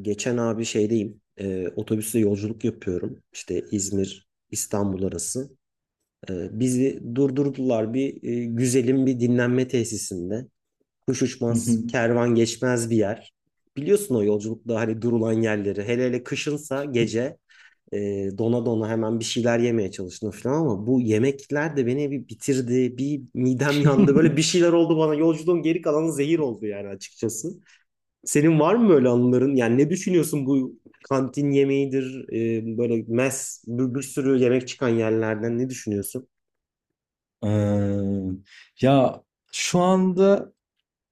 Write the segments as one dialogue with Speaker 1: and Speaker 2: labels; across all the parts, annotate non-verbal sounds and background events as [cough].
Speaker 1: Geçen abi şeydeyim, otobüsle yolculuk yapıyorum. İşte İzmir, İstanbul arası. Bizi durdurdular bir güzelim bir dinlenme tesisinde. Kuş
Speaker 2: Hı hı.
Speaker 1: uçmaz, kervan geçmez bir yer. Biliyorsun o yolculukta hani durulan yerleri. Hele hele kışınsa gece e, dona dona hemen bir şeyler yemeye çalıştım falan ama bu yemekler de beni bir bitirdi. Bir midem yandı. Böyle
Speaker 2: [laughs]
Speaker 1: bir şeyler oldu bana. Yolculuğun geri kalanı zehir oldu yani açıkçası. Senin var mı böyle anıların? Yani ne düşünüyorsun bu kantin yemeğidir, böyle bir sürü yemek çıkan yerlerden ne düşünüyorsun?
Speaker 2: Eee, ya şu anda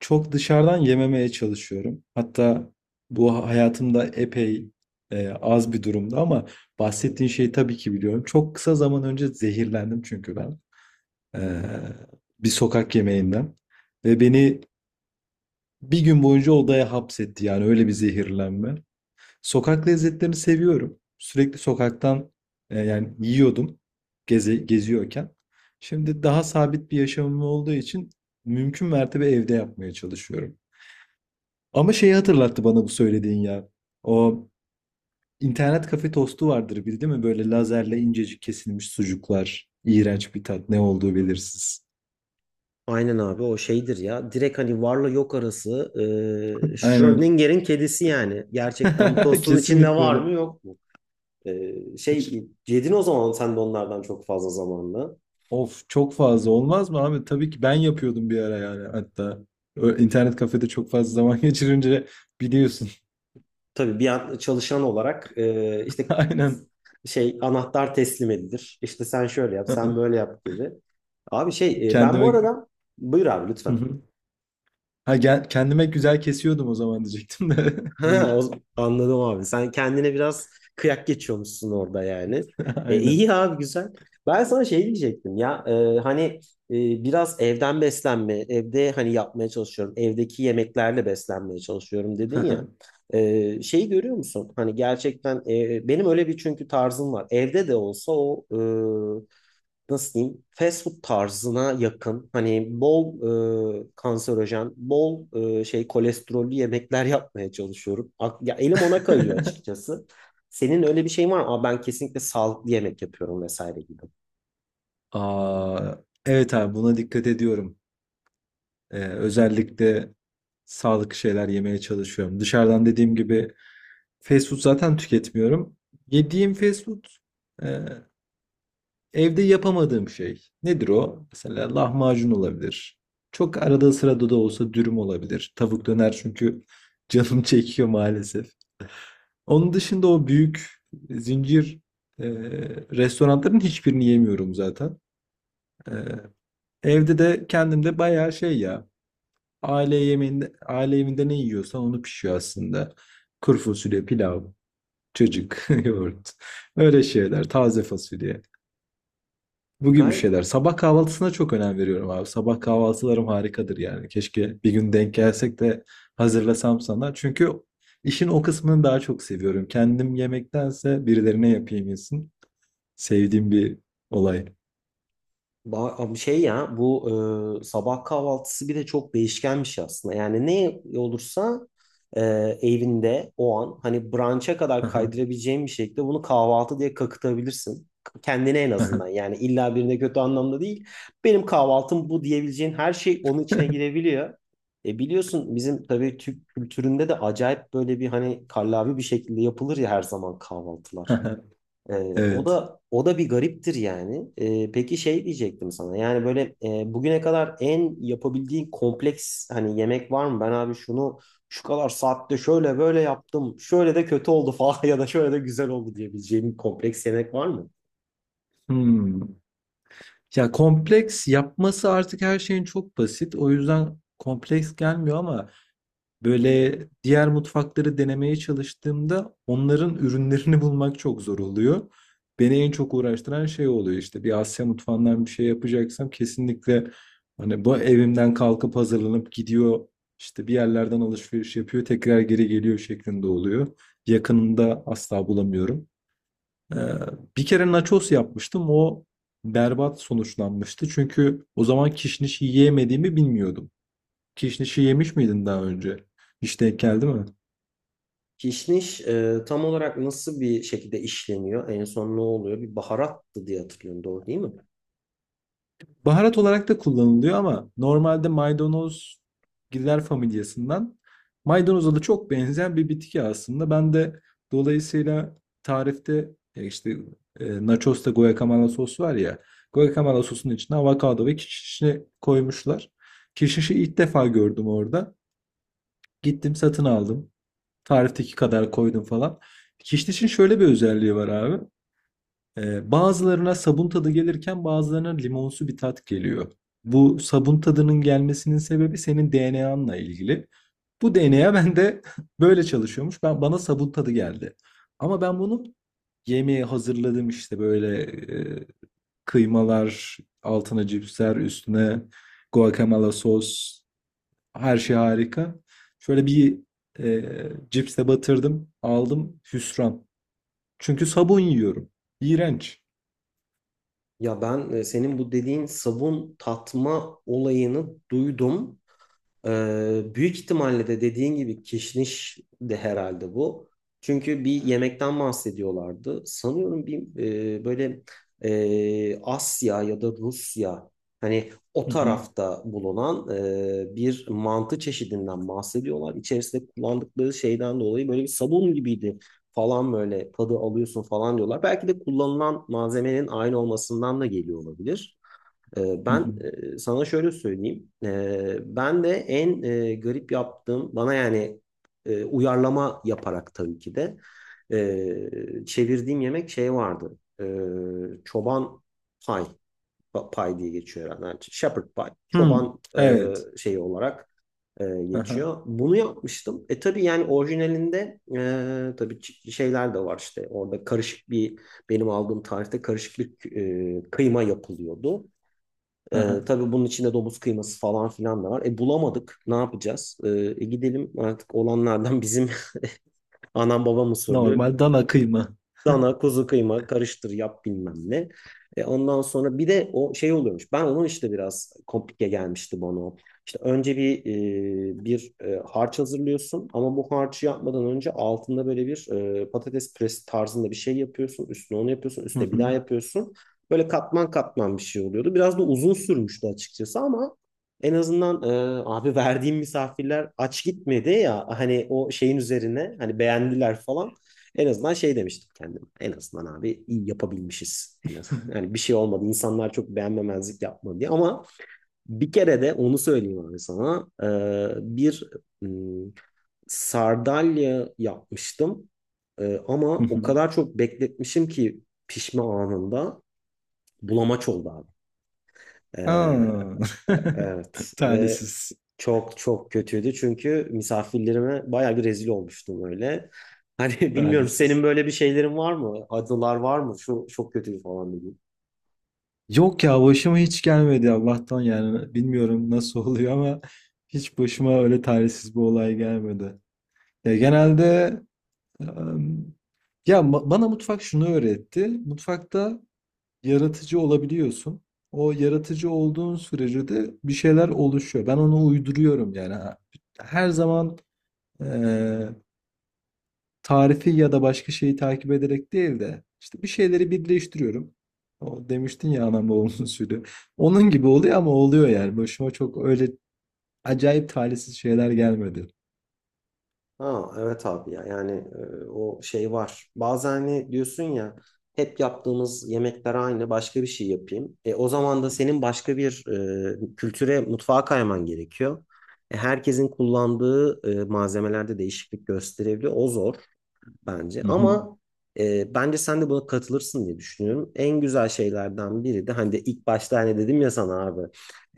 Speaker 2: çok dışarıdan yememeye çalışıyorum. Hatta bu hayatımda epey az bir durumda ama bahsettiğin şeyi tabii ki biliyorum. Çok kısa zaman önce zehirlendim, çünkü ben eee, bir sokak yemeğinden ve beni bir gün boyunca odaya hapsetti, yani öyle bir zehirlenme. Sokak lezzetlerini seviyorum. Sürekli sokaktan, yiyordum geze geziyorken. Şimdi daha sabit bir yaşamım olduğu için mümkün mertebe evde yapmaya çalışıyorum. Ama şeyi hatırlattı bana bu söylediğin ya. O internet kafe tostu vardır bir, değil mi? Böyle lazerle incecik kesilmiş sucuklar. İğrenç bir tat. Ne olduğu belirsiz.
Speaker 1: Aynen abi o şeydir ya. Direkt hani varla yok arası.
Speaker 2: Aynen.
Speaker 1: Schrödinger'in kedisi yani. Gerçekten bu
Speaker 2: [laughs]
Speaker 1: tostun içinde
Speaker 2: Kesinlikle
Speaker 1: var
Speaker 2: öyle.
Speaker 1: mı yok mu? Şey yedin o zaman sen de onlardan çok fazla zamanla.
Speaker 2: Of, çok fazla olmaz mı abi? Tabii ki ben yapıyordum bir ara yani, hatta. İnternet kafede çok fazla zaman [laughs] geçirince biliyorsun.
Speaker 1: Tabii bir an çalışan olarak işte
Speaker 2: [laughs] Aynen.
Speaker 1: şey anahtar teslim edilir. İşte sen şöyle yap, sen
Speaker 2: [laughs]
Speaker 1: böyle yap gibi. Abi şey ben bu
Speaker 2: Kendime.
Speaker 1: arada buyur abi
Speaker 2: Hı
Speaker 1: lütfen.
Speaker 2: hı. Ha, kendime güzel kesiyordum o zaman diyecektim de.
Speaker 1: [laughs]
Speaker 2: [laughs] Buyur.
Speaker 1: Ha, anladım abi. Sen kendine biraz kıyak geçiyormuşsun orada yani.
Speaker 2: [laughs] Aynen.
Speaker 1: İyi abi güzel. Ben sana şey diyecektim ya hani e, biraz evden beslenme, evde hani yapmaya çalışıyorum, evdeki yemeklerle beslenmeye çalışıyorum dedin ya.
Speaker 2: [laughs]
Speaker 1: Şeyi görüyor musun? Hani gerçekten benim öyle bir çünkü tarzım var. Evde de olsa o e, nasıl diyeyim fast food tarzına yakın hani bol kanserojen, bol şey kolesterollü yemekler yapmaya çalışıyorum. Ya elim ona kayıyor açıkçası. Senin öyle bir şeyin var mı? Aa, ben kesinlikle sağlıklı yemek yapıyorum vesaire gibi.
Speaker 2: Aa, evet abi, buna dikkat ediyorum. Özellikle sağlıklı şeyler yemeye çalışıyorum. Dışarıdan, dediğim gibi, fast food zaten tüketmiyorum. Yediğim fast food e, evde yapamadığım şey. Nedir o? Mesela lahmacun olabilir. Çok arada sırada da olsa dürüm olabilir. Tavuk döner, çünkü [laughs] canım çekiyor maalesef. Onun dışında o büyük zincir e, restoranların hiçbirini yemiyorum zaten. E, Evde de kendimde bayağı şey ya. Aile yemeğinde, aile evinde ne yiyorsa onu pişiyor aslında. Kuru fasulye, pilav, çocuk, [laughs] yoğurt. Öyle şeyler. Taze fasulye. Bu gibi
Speaker 1: Gayet
Speaker 2: şeyler. Sabah kahvaltısına çok önem veriyorum abi. Sabah kahvaltılarım harikadır yani. Keşke bir gün denk gelsek de hazırlasam sana. Çünkü işin o kısmını daha çok seviyorum. Kendim yemektense birilerine yapayım yesin. Sevdiğim bir olay.
Speaker 1: Abi şey ya bu sabah kahvaltısı bir de çok değişkenmiş aslında. Yani ne olursa e, evinde o an hani brunch'a kadar kaydırabileceğin bir şekilde bunu kahvaltı diye kakıtabilirsin. Kendine en azından yani illa birine kötü anlamda değil. Benim kahvaltım bu diyebileceğin her şey onun içine girebiliyor. Biliyorsun bizim tabii Türk kültüründe de acayip böyle bir hani kallavi bir şekilde yapılır ya her zaman kahvaltılar.
Speaker 2: [laughs]
Speaker 1: Ee, O
Speaker 2: Evet.
Speaker 1: da o da bir gariptir yani. Peki şey diyecektim sana. Yani böyle bugüne kadar en yapabildiğin kompleks hani yemek var mı? Ben abi şunu şu kadar saatte şöyle böyle yaptım. Şöyle de kötü oldu falan [laughs] ya da şöyle de güzel oldu diyebileceğim bir kompleks yemek var mı?
Speaker 2: Hmm. Ya kompleks yapması artık her şeyin çok basit. O yüzden kompleks gelmiyor, ama böyle diğer mutfakları denemeye çalıştığımda onların ürünlerini [laughs] bulmak çok zor oluyor. Beni en çok uğraştıran şey oluyor. İşte bir Asya mutfağından bir şey yapacaksam kesinlikle, hani, bu evimden kalkıp hazırlanıp gidiyor, işte bir yerlerden alışveriş yapıyor, tekrar geri geliyor şeklinde oluyor. Yakınında asla bulamıyorum. Ee, Bir kere nachos yapmıştım, o berbat sonuçlanmıştı, çünkü o zaman kişniş yiyemediğimi bilmiyordum. Kişnişi yemiş miydin daha önce? Hiç denk geldi mi?
Speaker 1: Kişniş tam olarak nasıl bir şekilde işleniyor? En son ne oluyor? Bir baharattı diye hatırlıyorum. Doğru değil mi?
Speaker 2: Baharat olarak da kullanılıyor, ama normalde maydanoz giller familyasından, maydanoza da çok benzeyen bir bitki aslında. Ben de dolayısıyla tarifte, nachos'ta guacamole sos var ya, guacamole sosunun içine avokado ve kişnişi koymuşlar. Kişnişi ilk defa gördüm orada. Gittim satın aldım. Tarifteki kadar koydum falan. Kişnişin şöyle bir özelliği var abi. Bazılarına sabun tadı gelirken bazılarına limonsu bir tat geliyor. Bu sabun tadının gelmesinin sebebi senin DNA'nla ilgili. Bu DNA bende [laughs] böyle çalışıyormuş. Ben bana sabun tadı geldi. Ama ben bunu, yemeği hazırladım, işte böyle e, kıymalar, altına cipsler, üstüne guacamole sos, her şey harika. Şöyle bir cipse batırdım, aldım hüsran. Çünkü sabun yiyorum. İğrenç.
Speaker 1: Ya ben senin bu dediğin sabun tatma olayını duydum. Büyük ihtimalle de dediğin gibi kişniş de herhalde bu. Çünkü bir yemekten bahsediyorlardı. Sanıyorum bir böyle Asya ya da Rusya hani o
Speaker 2: [laughs]
Speaker 1: tarafta bulunan bir mantı çeşidinden bahsediyorlar. İçerisinde kullandıkları şeyden dolayı böyle bir sabun gibiydi falan böyle tadı alıyorsun falan diyorlar. Belki de kullanılan malzemenin aynı olmasından da geliyor olabilir.
Speaker 2: Hı
Speaker 1: Ben
Speaker 2: hı.
Speaker 1: sana şöyle söyleyeyim. Ben de en garip yaptığım bana yani uyarlama yaparak tabii ki de çevirdiğim yemek şey vardı. Çoban pay pay diye geçiyor herhalde. Yani shepherd pie.
Speaker 2: Hıı.
Speaker 1: Çoban
Speaker 2: Evet.
Speaker 1: şeyi olarak
Speaker 2: Aha, aha.
Speaker 1: geçiyor. Bunu yapmıştım. Tabii yani orijinalinde tabii şeyler de var işte. Orada karışık bir benim aldığım tarihte karışık bir kıyma yapılıyordu. Tabii bunun içinde domuz kıyması falan filan da var. Bulamadık. Ne yapacağız? Gidelim artık olanlardan bizim [laughs] anam babam usulü
Speaker 2: Normal dana kıyma.
Speaker 1: Dana, kuzu kıyma karıştır yap bilmem ne. Ondan sonra bir de o şey oluyormuş. Ben onun işte biraz komplike gelmişti bana. O. İşte önce bir harç hazırlıyorsun ama bu harcı yapmadan önce altında böyle bir patates püresi tarzında bir şey yapıyorsun. Üstüne onu yapıyorsun,
Speaker 2: Hı
Speaker 1: üstüne bir daha
Speaker 2: hı.
Speaker 1: yapıyorsun. Böyle katman katman bir şey oluyordu. Biraz da uzun sürmüştü açıkçası ama en azından abi verdiğim misafirler aç gitmedi ya hani o şeyin üzerine hani beğendiler falan. En azından şey demiştim kendime. En azından abi iyi yapabilmişiz.
Speaker 2: Hı
Speaker 1: [laughs]
Speaker 2: hı.
Speaker 1: Yani bir şey olmadı. İnsanlar çok beğenmemezlik yapmadı diye. Ama bir kere de onu söyleyeyim abi sana. Bir ım, sardalya yapmıştım. Ama
Speaker 2: Hı
Speaker 1: o
Speaker 2: hı.
Speaker 1: kadar çok bekletmişim ki pişme anında bulamaç oldu abi. Ee,
Speaker 2: Ha.
Speaker 1: Evet
Speaker 2: [laughs]
Speaker 1: ve
Speaker 2: Talihsiz,
Speaker 1: çok çok kötüydü çünkü misafirlerime bayağı bir rezil olmuştum öyle. Hani [laughs] bilmiyorum senin
Speaker 2: talihsiz.
Speaker 1: böyle bir şeylerin var mı? Adılar var mı? Şu çok kötü falan dedim.
Speaker 2: Yok ya, başıma hiç gelmedi Allah'tan yani. Bilmiyorum nasıl oluyor ama hiç başıma öyle talihsiz bir olay gelmedi. Ya genelde em, bana mutfak şunu öğretti. Mutfakta yaratıcı olabiliyorsun. O yaratıcı olduğun sürece de bir şeyler oluşuyor. Ben onu uyduruyorum yani. Her zaman eee, tarifi ya da başka şeyi takip ederek değil de, işte, bir şeyleri birleştiriyorum. O demiştin ya, anam babamın [laughs] usulü. Onun gibi oluyor ama oluyor yani. Başıma çok öyle acayip talihsiz şeyler gelmedi.
Speaker 1: Ha evet abi ya yani o şey var. Bazen hani diyorsun ya hep yaptığımız yemekler aynı başka bir şey yapayım. O zaman da senin başka bir kültüre mutfağa kayman gerekiyor. Herkesin kullandığı malzemelerde değişiklik gösterebiliyor. O zor bence.
Speaker 2: Hı hı.
Speaker 1: Ama bence sen de buna katılırsın diye düşünüyorum. En güzel şeylerden biri de hani de ilk başta hani dedim ya sana abi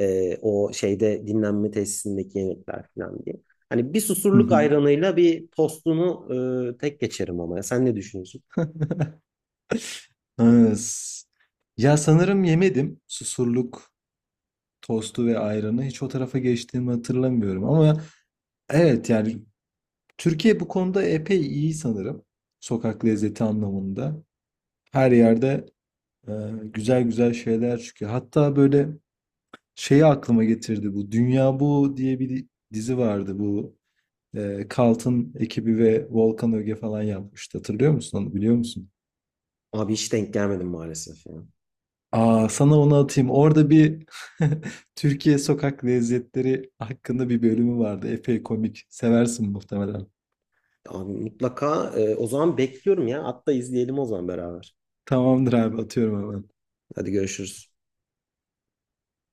Speaker 1: o şeyde dinlenme tesisindeki yemekler falan diye. Hani bir
Speaker 2: Hı
Speaker 1: susurluk
Speaker 2: hı.
Speaker 1: ayranıyla bir tostunu tek geçerim ama ya. Sen ne düşünüyorsun?
Speaker 2: Ha, s- Ya, sanırım yemedim susurluk tostu ve ayranı. Hiç o tarafa geçtiğimi hatırlamıyorum. Ama evet yani, Türkiye bu konuda epey iyi sanırım. Sokak lezzeti anlamında. Her yerde e, güzel güzel şeyler çıkıyor. Hatta böyle şeyi aklıma getirdi bu. Dünya Bu diye bir dizi vardı bu. E, Cult'ın ekibi ve Volkan Öge falan yapmıştı. Hatırlıyor musun onu? Biliyor musun?
Speaker 1: Abi hiç denk gelmedim maalesef ya.
Speaker 2: Aa, sana onu atayım. Orada bir [laughs] Türkiye sokak lezzetleri hakkında bir bölümü vardı. Epey komik. Seversin muhtemelen.
Speaker 1: Abi mutlaka o zaman bekliyorum ya. Hatta izleyelim o zaman beraber.
Speaker 2: Tamamdır abi, atıyorum hemen.
Speaker 1: Hadi görüşürüz.